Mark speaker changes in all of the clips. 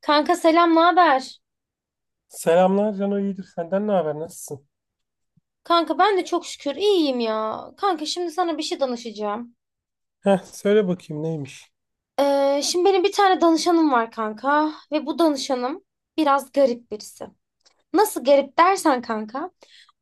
Speaker 1: Kanka selam, ne haber?
Speaker 2: Selamlar Cano, iyidir. Senden ne haber? Nasılsın?
Speaker 1: Kanka ben de çok şükür iyiyim ya. Kanka şimdi sana bir şey danışacağım.
Speaker 2: Heh, söyle bakayım neymiş?
Speaker 1: Şimdi benim bir tane danışanım var kanka ve bu danışanım biraz garip birisi. Nasıl garip dersen kanka.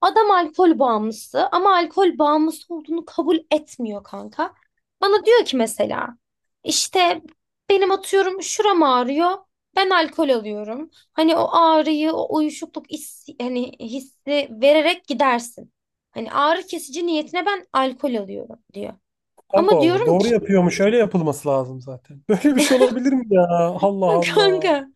Speaker 1: Adam alkol bağımlısı ama alkol bağımlısı olduğunu kabul etmiyor kanka. Bana diyor ki mesela işte benim atıyorum şuram ağrıyor. Ben alkol alıyorum. Hani o ağrıyı, o uyuşukluk hissi, hani hissi vererek gidersin. Hani ağrı kesici niyetine ben alkol alıyorum diyor.
Speaker 2: Allah
Speaker 1: Ama
Speaker 2: Allah.
Speaker 1: diyorum
Speaker 2: Doğru
Speaker 1: ki
Speaker 2: yapıyormuş. Öyle yapılması lazım zaten. Böyle bir şey olabilir mi ya? Allah Allah.
Speaker 1: Kanka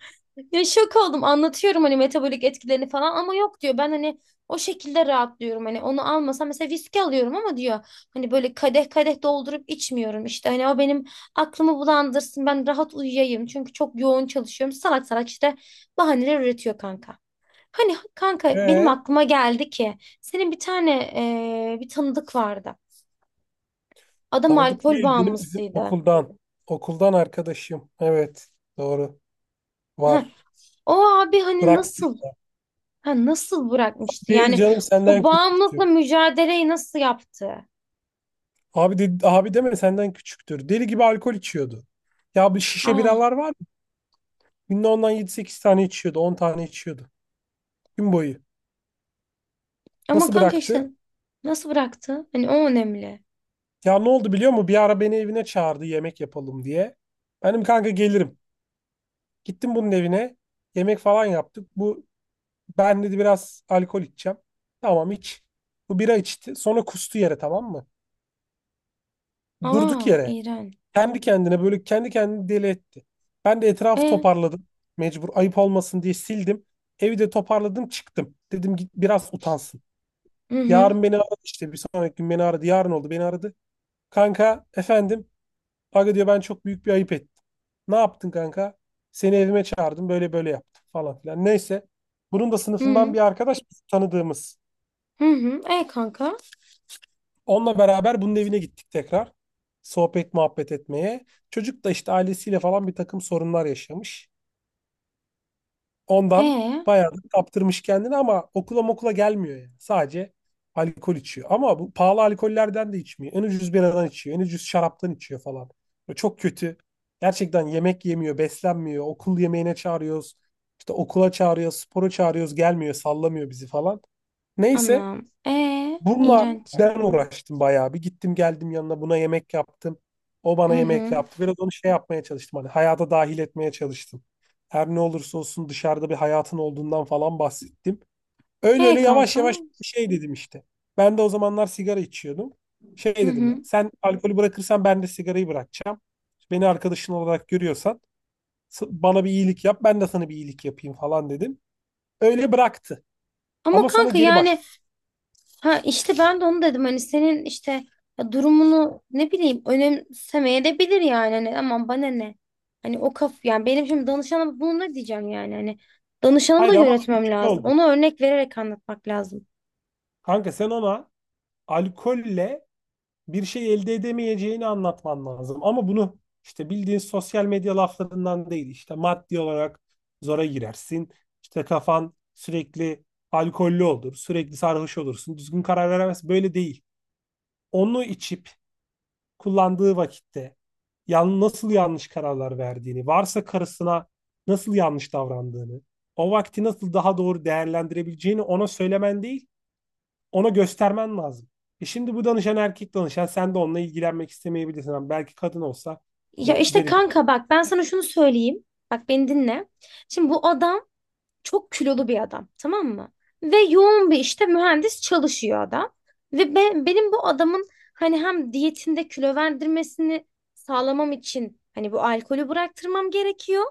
Speaker 1: ya şok oldum anlatıyorum hani metabolik etkilerini falan ama yok diyor ben hani o şekilde rahatlıyorum hani onu almasam mesela viski alıyorum ama diyor hani böyle kadeh kadeh doldurup içmiyorum işte hani o benim aklımı bulandırsın ben rahat uyuyayım çünkü çok yoğun çalışıyorum salak salak işte bahaneler üretiyor kanka. Hani kanka benim
Speaker 2: Ee,
Speaker 1: aklıma geldi ki senin bir tane bir tanıdık vardı adam
Speaker 2: tanıdık
Speaker 1: alkol
Speaker 2: değil. Bizim
Speaker 1: bağımlısıydı.
Speaker 2: okuldan. Okuldan arkadaşım. Evet. Doğru.
Speaker 1: Heh,
Speaker 2: Var.
Speaker 1: o abi hani
Speaker 2: Bırak
Speaker 1: nasıl? Ha, nasıl bırakmıştı?
Speaker 2: değil
Speaker 1: Yani
Speaker 2: canım,
Speaker 1: o
Speaker 2: senden
Speaker 1: bağımlılıkla
Speaker 2: küçüktür.
Speaker 1: mücadeleyi nasıl yaptı?
Speaker 2: Abi deme, senden küçüktür. Deli gibi alkol içiyordu. Ya, bir şişe
Speaker 1: Aa,
Speaker 2: biralar var ya. Günde ondan yedi sekiz tane içiyordu, 10 tane içiyordu. Gün boyu.
Speaker 1: ama
Speaker 2: Nasıl
Speaker 1: kanka işte
Speaker 2: bıraktı?
Speaker 1: nasıl bıraktı? Hani o önemli.
Speaker 2: Ya, ne oldu biliyor musun? Bir ara beni evine çağırdı, yemek yapalım diye. Benim kanka gelirim. Gittim bunun evine. Yemek falan yaptık. Bu, ben dedi, biraz alkol içeceğim. Tamam, iç. Bu bira içti. Sonra kustu yere, tamam mı? Durduk
Speaker 1: Aa,
Speaker 2: yere.
Speaker 1: İran.
Speaker 2: Kendi kendine böyle kendi kendini deli etti. Ben de etrafı
Speaker 1: E,
Speaker 2: toparladım. Mecbur, ayıp olmasın diye sildim. Evi de toparladım, çıktım. Dedim git biraz utansın.
Speaker 1: hı hı,
Speaker 2: Yarın beni aradı, işte bir sonraki gün beni aradı. Yarın oldu, beni aradı. Kanka efendim, Aga diyor ben çok büyük bir ayıp ettim. Ne yaptın kanka? Seni evime çağırdım, böyle böyle yaptım falan filan. Neyse. Bunun da
Speaker 1: hı
Speaker 2: sınıfından
Speaker 1: hı,
Speaker 2: bir arkadaş biz tanıdığımız.
Speaker 1: hı hı. E kanka.
Speaker 2: Onunla beraber bunun evine gittik tekrar. Sohbet muhabbet etmeye. Çocuk da işte ailesiyle falan bir takım sorunlar yaşamış.
Speaker 1: E,
Speaker 2: Ondan bayağı da kaptırmış kendini, ama okula mokula gelmiyor yani. Sadece alkol içiyor. Ama bu pahalı alkollerden de içmiyor. En ucuz biradan içiyor. En ucuz şaraptan içiyor falan. Böyle çok kötü. Gerçekten yemek yemiyor, beslenmiyor. Okul yemeğine çağırıyoruz. İşte okula çağırıyoruz, spora çağırıyoruz. Gelmiyor, sallamıyor bizi falan. Neyse.
Speaker 1: anam.
Speaker 2: Bununla
Speaker 1: İğrenç.
Speaker 2: ben uğraştım bayağı bir. Gittim geldim yanına, buna yemek yaptım. O
Speaker 1: Hı
Speaker 2: bana yemek
Speaker 1: hı.
Speaker 2: yaptı. Biraz onu şey yapmaya çalıştım. Hani hayata dahil etmeye çalıştım. Her ne olursa olsun dışarıda bir hayatın olduğundan falan bahsettim. Öyle
Speaker 1: E
Speaker 2: öyle yavaş
Speaker 1: kanka.
Speaker 2: yavaş şey dedim işte. Ben de o zamanlar sigara içiyordum. Şey
Speaker 1: Hı
Speaker 2: dedim ya.
Speaker 1: hı.
Speaker 2: Sen alkolü bırakırsan ben de sigarayı bırakacağım. Beni arkadaşın olarak görüyorsan bana bir iyilik yap. Ben de sana bir iyilik yapayım falan dedim. Öyle bıraktı.
Speaker 1: Ama
Speaker 2: Ama sonra
Speaker 1: kanka
Speaker 2: geri
Speaker 1: yani
Speaker 2: başladı.
Speaker 1: Ha işte ben de onu dedim hani senin işte ya durumunu ne bileyim önemsemeye de bilir yani hani aman bana ne. Hani o kaf yani benim şimdi danışanıma bunu ne diyeceğim yani hani danışanımı da
Speaker 2: Hayır, ama bir
Speaker 1: yönetmem
Speaker 2: şey
Speaker 1: lazım.
Speaker 2: oldu.
Speaker 1: Ona örnek vererek anlatmak lazım.
Speaker 2: Kanka, sen ona alkolle bir şey elde edemeyeceğini anlatman lazım. Ama bunu işte bildiğin sosyal medya laflarından değil. İşte maddi olarak zora girersin. İşte kafan sürekli alkollü olur. Sürekli sarhoş olursun. Düzgün karar veremez. Böyle değil. Onu içip kullandığı vakitte nasıl yanlış kararlar verdiğini, varsa karısına nasıl yanlış davrandığını, o vakti nasıl daha doğru değerlendirebileceğini ona söylemen değil, ona göstermen lazım. E şimdi bu danışan erkek danışan, sen de onunla ilgilenmek istemeyebilirsin. Ama belki kadın olsa
Speaker 1: Ya
Speaker 2: der-
Speaker 1: işte
Speaker 2: derim.
Speaker 1: kanka bak ben sana şunu söyleyeyim. Bak beni dinle. Şimdi bu adam çok kilolu bir adam tamam mı? Ve yoğun bir işte mühendis çalışıyor adam. Ve benim bu adamın hani hem diyetinde kilo verdirmesini sağlamam için hani bu alkolü bıraktırmam gerekiyor.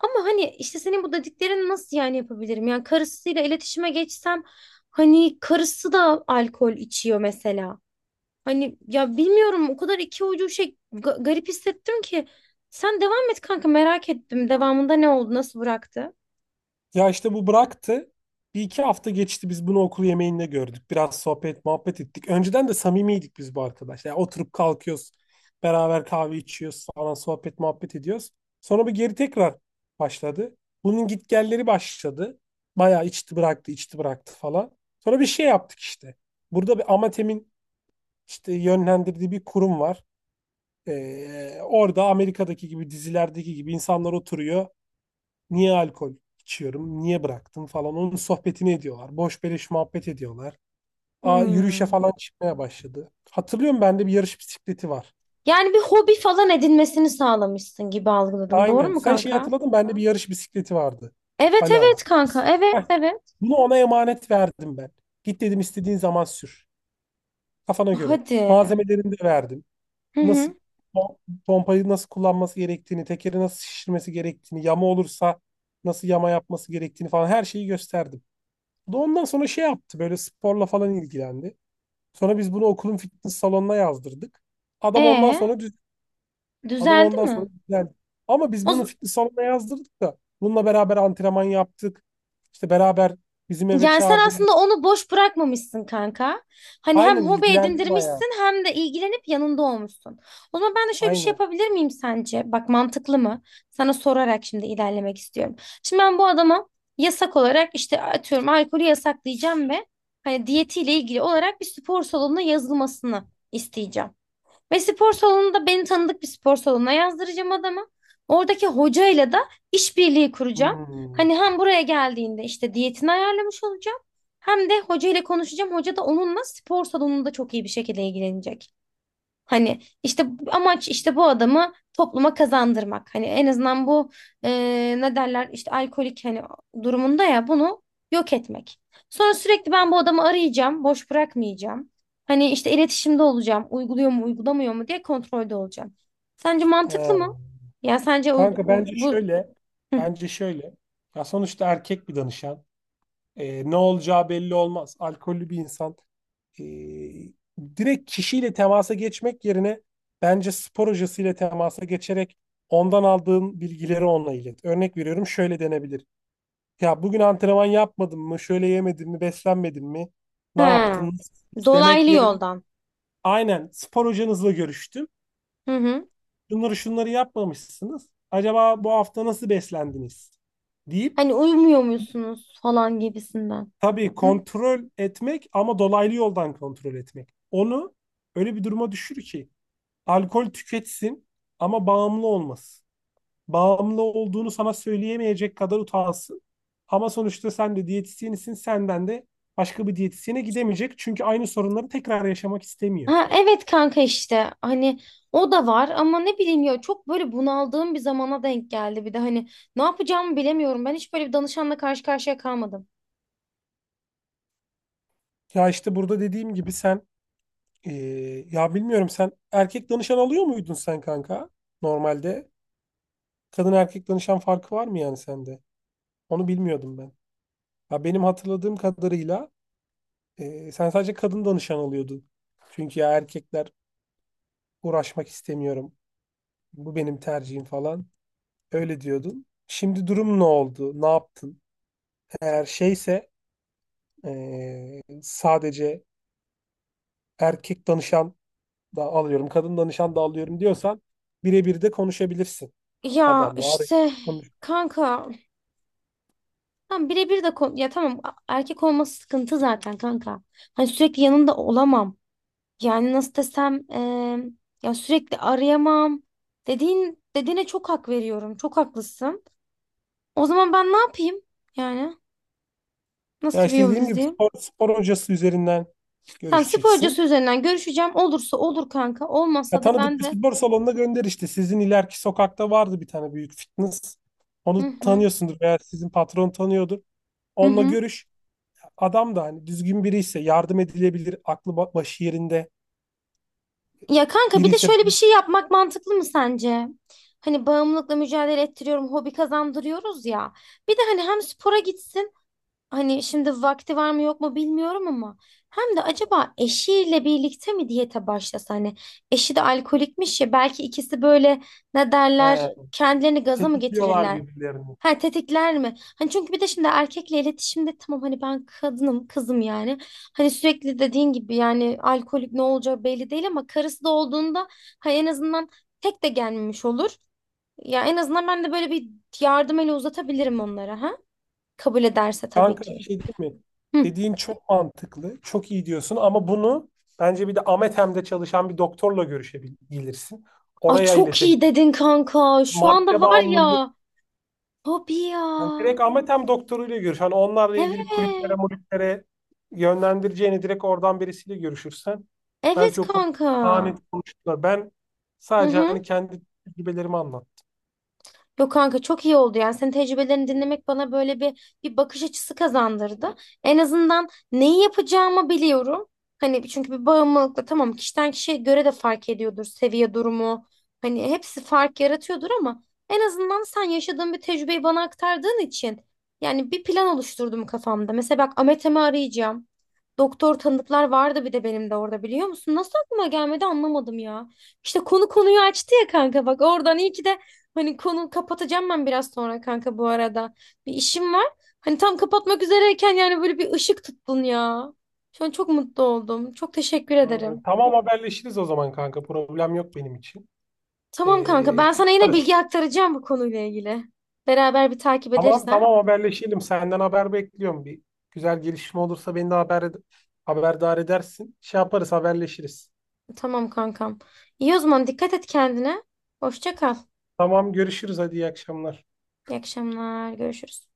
Speaker 1: Ama hani işte senin bu dediklerini nasıl yani yapabilirim? Yani karısıyla iletişime geçsem hani karısı da alkol içiyor mesela. Hani ya bilmiyorum o kadar iki ucu şey garip hissettim ki. Sen devam et kanka merak ettim devamında ne oldu nasıl bıraktı?
Speaker 2: Ya işte bu bıraktı. Bir iki hafta geçti, biz bunu okul yemeğinde gördük. Biraz sohbet muhabbet ettik. Önceden de samimiydik biz bu arkadaşlar. Yani oturup kalkıyoruz. Beraber kahve içiyoruz falan, sohbet muhabbet ediyoruz. Sonra bir geri tekrar başladı. Bunun gitgelleri başladı. Bayağı içti bıraktı, içti bıraktı falan. Sonra bir şey yaptık işte. Burada bir Amatem'in işte yönlendirdiği bir kurum var. Orada Amerika'daki gibi dizilerdeki gibi insanlar oturuyor. Niye alkol içiyorum? Niye bıraktım falan. Onun sohbetini ediyorlar. Boş beleş muhabbet ediyorlar. Aa, yürüyüşe
Speaker 1: Hmm.
Speaker 2: falan çıkmaya başladı. Hatırlıyorum, bende bir yarış bisikleti var.
Speaker 1: Yani bir hobi falan edinmesini sağlamışsın gibi algıladım. Doğru
Speaker 2: Aynen.
Speaker 1: mu
Speaker 2: Sen şeyi
Speaker 1: kanka?
Speaker 2: hatırladın, bende bir yarış bisikleti vardı.
Speaker 1: Evet
Speaker 2: Hala var.
Speaker 1: evet kanka. Evet
Speaker 2: Heh.
Speaker 1: evet.
Speaker 2: Bunu ona emanet verdim ben. Git dedim istediğin zaman sür. Kafana göre.
Speaker 1: Hadi.
Speaker 2: Malzemelerini de verdim.
Speaker 1: Hı
Speaker 2: Nasıl
Speaker 1: hı.
Speaker 2: pom- pompayı nasıl kullanması gerektiğini, tekeri nasıl şişirmesi gerektiğini, yama olursa nasıl yama yapması gerektiğini falan, her şeyi gösterdim. Bu da ondan sonra şey yaptı, böyle sporla falan ilgilendi. Sonra biz bunu okulun fitness salonuna yazdırdık. Adam ondan
Speaker 1: E
Speaker 2: sonra düz adam
Speaker 1: düzeldi
Speaker 2: ondan sonra
Speaker 1: mi?
Speaker 2: düzeldi. Ama biz
Speaker 1: O,
Speaker 2: bunu fitness salonuna yazdırdık da bununla beraber antrenman yaptık. İşte beraber bizim eve
Speaker 1: Yani sen
Speaker 2: çağırdım.
Speaker 1: aslında onu boş bırakmamışsın kanka. Hani hem
Speaker 2: Aynen,
Speaker 1: hobi
Speaker 2: ilgilendi bayağı.
Speaker 1: edindirmişsin hem de ilgilenip yanında olmuşsun. O zaman ben de şöyle bir şey
Speaker 2: Aynen.
Speaker 1: yapabilir miyim sence? Bak mantıklı mı? Sana sorarak şimdi ilerlemek istiyorum. Şimdi ben bu adama yasak olarak işte atıyorum alkolü yasaklayacağım ve hani diyetiyle ilgili olarak bir spor salonuna yazılmasını isteyeceğim. Ve spor salonunda beni tanıdık bir spor salonuna yazdıracağım adamı. Oradaki hocayla da işbirliği kuracağım.
Speaker 2: Hmm.
Speaker 1: Hani hem buraya geldiğinde işte diyetini ayarlamış olacağım. Hem de hocayla konuşacağım. Hoca da onunla spor salonunda çok iyi bir şekilde ilgilenecek. Hani işte amaç işte bu adamı topluma kazandırmak. Hani en azından bu e, ne derler işte alkolik hani durumunda ya bunu yok etmek. Sonra sürekli ben bu adamı arayacağım, boş bırakmayacağım. Hani işte iletişimde olacağım, uyguluyor mu, uygulamıyor mu diye kontrolde olacağım. Sence mantıklı mı?
Speaker 2: He.
Speaker 1: Ya sence
Speaker 2: Kanka, bence
Speaker 1: bu
Speaker 2: şöyle,
Speaker 1: Hı.
Speaker 2: bence şöyle. Ya sonuçta erkek bir danışan. Ne olacağı belli olmaz. Alkollü bir insan. Ee, direkt kişiyle temasa geçmek yerine, bence spor hocasıyla temasa geçerek ondan aldığın bilgileri onunla ilet. Örnek veriyorum, şöyle denebilir. Ya bugün antrenman yapmadın mı? Şöyle yemedin mi? Beslenmedin mi? Ne yaptın?
Speaker 1: ha.
Speaker 2: Nasıl? Demek
Speaker 1: Dolaylı
Speaker 2: yerine,
Speaker 1: yoldan.
Speaker 2: aynen spor hocanızla görüştüm,
Speaker 1: Hı hı.
Speaker 2: şunları şunları yapmamışsınız. Acaba bu hafta nasıl beslendiniz deyip
Speaker 1: Hani uyumuyor musunuz falan gibisinden.
Speaker 2: tabii kontrol etmek, ama dolaylı yoldan kontrol etmek. Onu öyle bir duruma düşür ki alkol tüketsin ama bağımlı olmasın. Bağımlı olduğunu sana söyleyemeyecek kadar utansın. Ama sonuçta sen de diyetisyenisin, senden de başka bir diyetisyene gidemeyecek. Çünkü aynı sorunları tekrar yaşamak istemiyor.
Speaker 1: Ha, evet kanka işte hani o da var ama ne bileyim ya çok böyle bunaldığım bir zamana denk geldi bir de hani ne yapacağımı bilemiyorum ben hiç böyle bir danışanla karşı karşıya kalmadım.
Speaker 2: Ya işte burada dediğim gibi sen, Ee, ya bilmiyorum, sen erkek danışan alıyor muydun sen kanka normalde? Kadın erkek danışan farkı var mı yani sende? Onu bilmiyordum ben. Ya benim hatırladığım kadarıyla sen sadece kadın danışan alıyordun. Çünkü ya erkekler, uğraşmak istemiyorum. Bu benim tercihim falan. Öyle diyordun. Şimdi durum ne oldu? Ne yaptın? Eğer şeyse sadece erkek danışan da alıyorum, kadın danışan da alıyorum diyorsan birebir de konuşabilirsin
Speaker 1: Ya
Speaker 2: adamla. Arayıp
Speaker 1: işte
Speaker 2: konuş.
Speaker 1: kanka tam birebir de ya tamam erkek olması sıkıntı zaten kanka hani sürekli yanında olamam yani nasıl desem ya sürekli arayamam dediğin dediğine çok hak veriyorum çok haklısın o zaman ben ne yapayım yani
Speaker 2: Ya
Speaker 1: nasıl bir
Speaker 2: işte
Speaker 1: yol
Speaker 2: dediğim gibi,
Speaker 1: izleyeyim?
Speaker 2: spor hocası üzerinden
Speaker 1: Tamam spor hocası
Speaker 2: görüşeceksin.
Speaker 1: üzerinden görüşeceğim. Olursa olur kanka.
Speaker 2: Ya
Speaker 1: Olmazsa da
Speaker 2: tanıdık
Speaker 1: ben
Speaker 2: bir
Speaker 1: de.
Speaker 2: spor salonuna gönder işte. Sizin ileriki sokakta vardı bir tane büyük fitness.
Speaker 1: Hı
Speaker 2: Onu
Speaker 1: hı.
Speaker 2: tanıyorsundur veya sizin patron tanıyordur.
Speaker 1: Hı
Speaker 2: Onunla
Speaker 1: hı.
Speaker 2: görüş. Adam da hani düzgün biri ise yardım edilebilir, aklı başı yerinde
Speaker 1: Ya kanka
Speaker 2: biri
Speaker 1: bir de
Speaker 2: ise,
Speaker 1: şöyle bir şey yapmak mantıklı mı sence? Hani bağımlılıkla mücadele ettiriyorum, hobi kazandırıyoruz ya. Bir de hani hem spora gitsin. Hani şimdi vakti var mı yok mu bilmiyorum ama. Hem de acaba eşiyle birlikte mi diyete başlasa hani eşi de alkolikmiş ya belki ikisi böyle ne derler
Speaker 2: he,
Speaker 1: kendilerini gaza mı
Speaker 2: tetikliyorlar
Speaker 1: getirirler?
Speaker 2: birbirlerini.
Speaker 1: Ha tetikler mi? Hani çünkü bir de şimdi erkekle iletişimde tamam hani ben kadınım kızım yani. Hani sürekli dediğin gibi yani alkolik ne olacağı belli değil ama karısı da olduğunda ha en azından tek de gelmemiş olur. Ya en azından ben de böyle bir yardım eli uzatabilirim onlara ha. Kabul ederse tabii
Speaker 2: Kanka, bir
Speaker 1: ki.
Speaker 2: şey diyeyim mi?
Speaker 1: Hı.
Speaker 2: Dediğin çok mantıklı, çok iyi diyorsun, ama bunu bence bir de Amethem'de çalışan bir doktorla görüşebilirsin.
Speaker 1: Ay
Speaker 2: Oraya
Speaker 1: çok iyi
Speaker 2: iletebilirsin.
Speaker 1: dedin kanka. Şu anda
Speaker 2: Madde
Speaker 1: var
Speaker 2: bağımlılığı.
Speaker 1: ya. Tabii ya.
Speaker 2: Yani direkt ametem doktoruyla görüş. Hani onlarla
Speaker 1: Evet.
Speaker 2: ilgili kulüplere, mulüplere yönlendireceğini direkt oradan birisiyle görüşürsen
Speaker 1: Evet
Speaker 2: belki o konuda
Speaker 1: kanka.
Speaker 2: daha net konuşurlar. Ben
Speaker 1: Hı
Speaker 2: sadece
Speaker 1: hı.
Speaker 2: hani kendi tecrübelerimi anlattım.
Speaker 1: Yok kanka çok iyi oldu yani senin tecrübelerini dinlemek bana böyle bir bakış açısı kazandırdı. En azından neyi yapacağımı biliyorum. Hani çünkü bir bağımlılıkla tamam kişiden kişiye göre de fark ediyordur seviye durumu. Hani hepsi fark yaratıyordur ama en azından sen yaşadığın bir tecrübeyi bana aktardığın için yani bir plan oluşturdum kafamda. Mesela bak Ametem'i arayacağım. Doktor tanıdıklar vardı bir de benim de orada biliyor musun? Nasıl aklıma gelmedi anlamadım ya. İşte konu konuyu açtı ya kanka bak oradan iyi ki de hani konu kapatacağım ben biraz sonra kanka bu arada. Bir işim var. Hani tam kapatmak üzereyken yani böyle bir ışık tuttun ya. Şu an çok mutlu oldum. Çok teşekkür
Speaker 2: Hmm,
Speaker 1: ederim.
Speaker 2: tamam, haberleşiriz o zaman kanka. Problem yok benim için.
Speaker 1: Tamam kanka
Speaker 2: Ee,
Speaker 1: ben
Speaker 2: şey
Speaker 1: sana yine
Speaker 2: yaparız.
Speaker 1: bilgi aktaracağım bu konuyla ilgili. Beraber bir takip ederiz
Speaker 2: Tamam,
Speaker 1: ha.
Speaker 2: tamam, haberleşelim. Senden haber bekliyorum. Bir güzel gelişme olursa beni de haberdar edersin. Şey yaparız, haberleşiriz.
Speaker 1: Tamam kankam. İyi o zaman dikkat et kendine. Hoşça kal.
Speaker 2: Tamam, görüşürüz. Hadi iyi akşamlar.
Speaker 1: İyi akşamlar. Görüşürüz.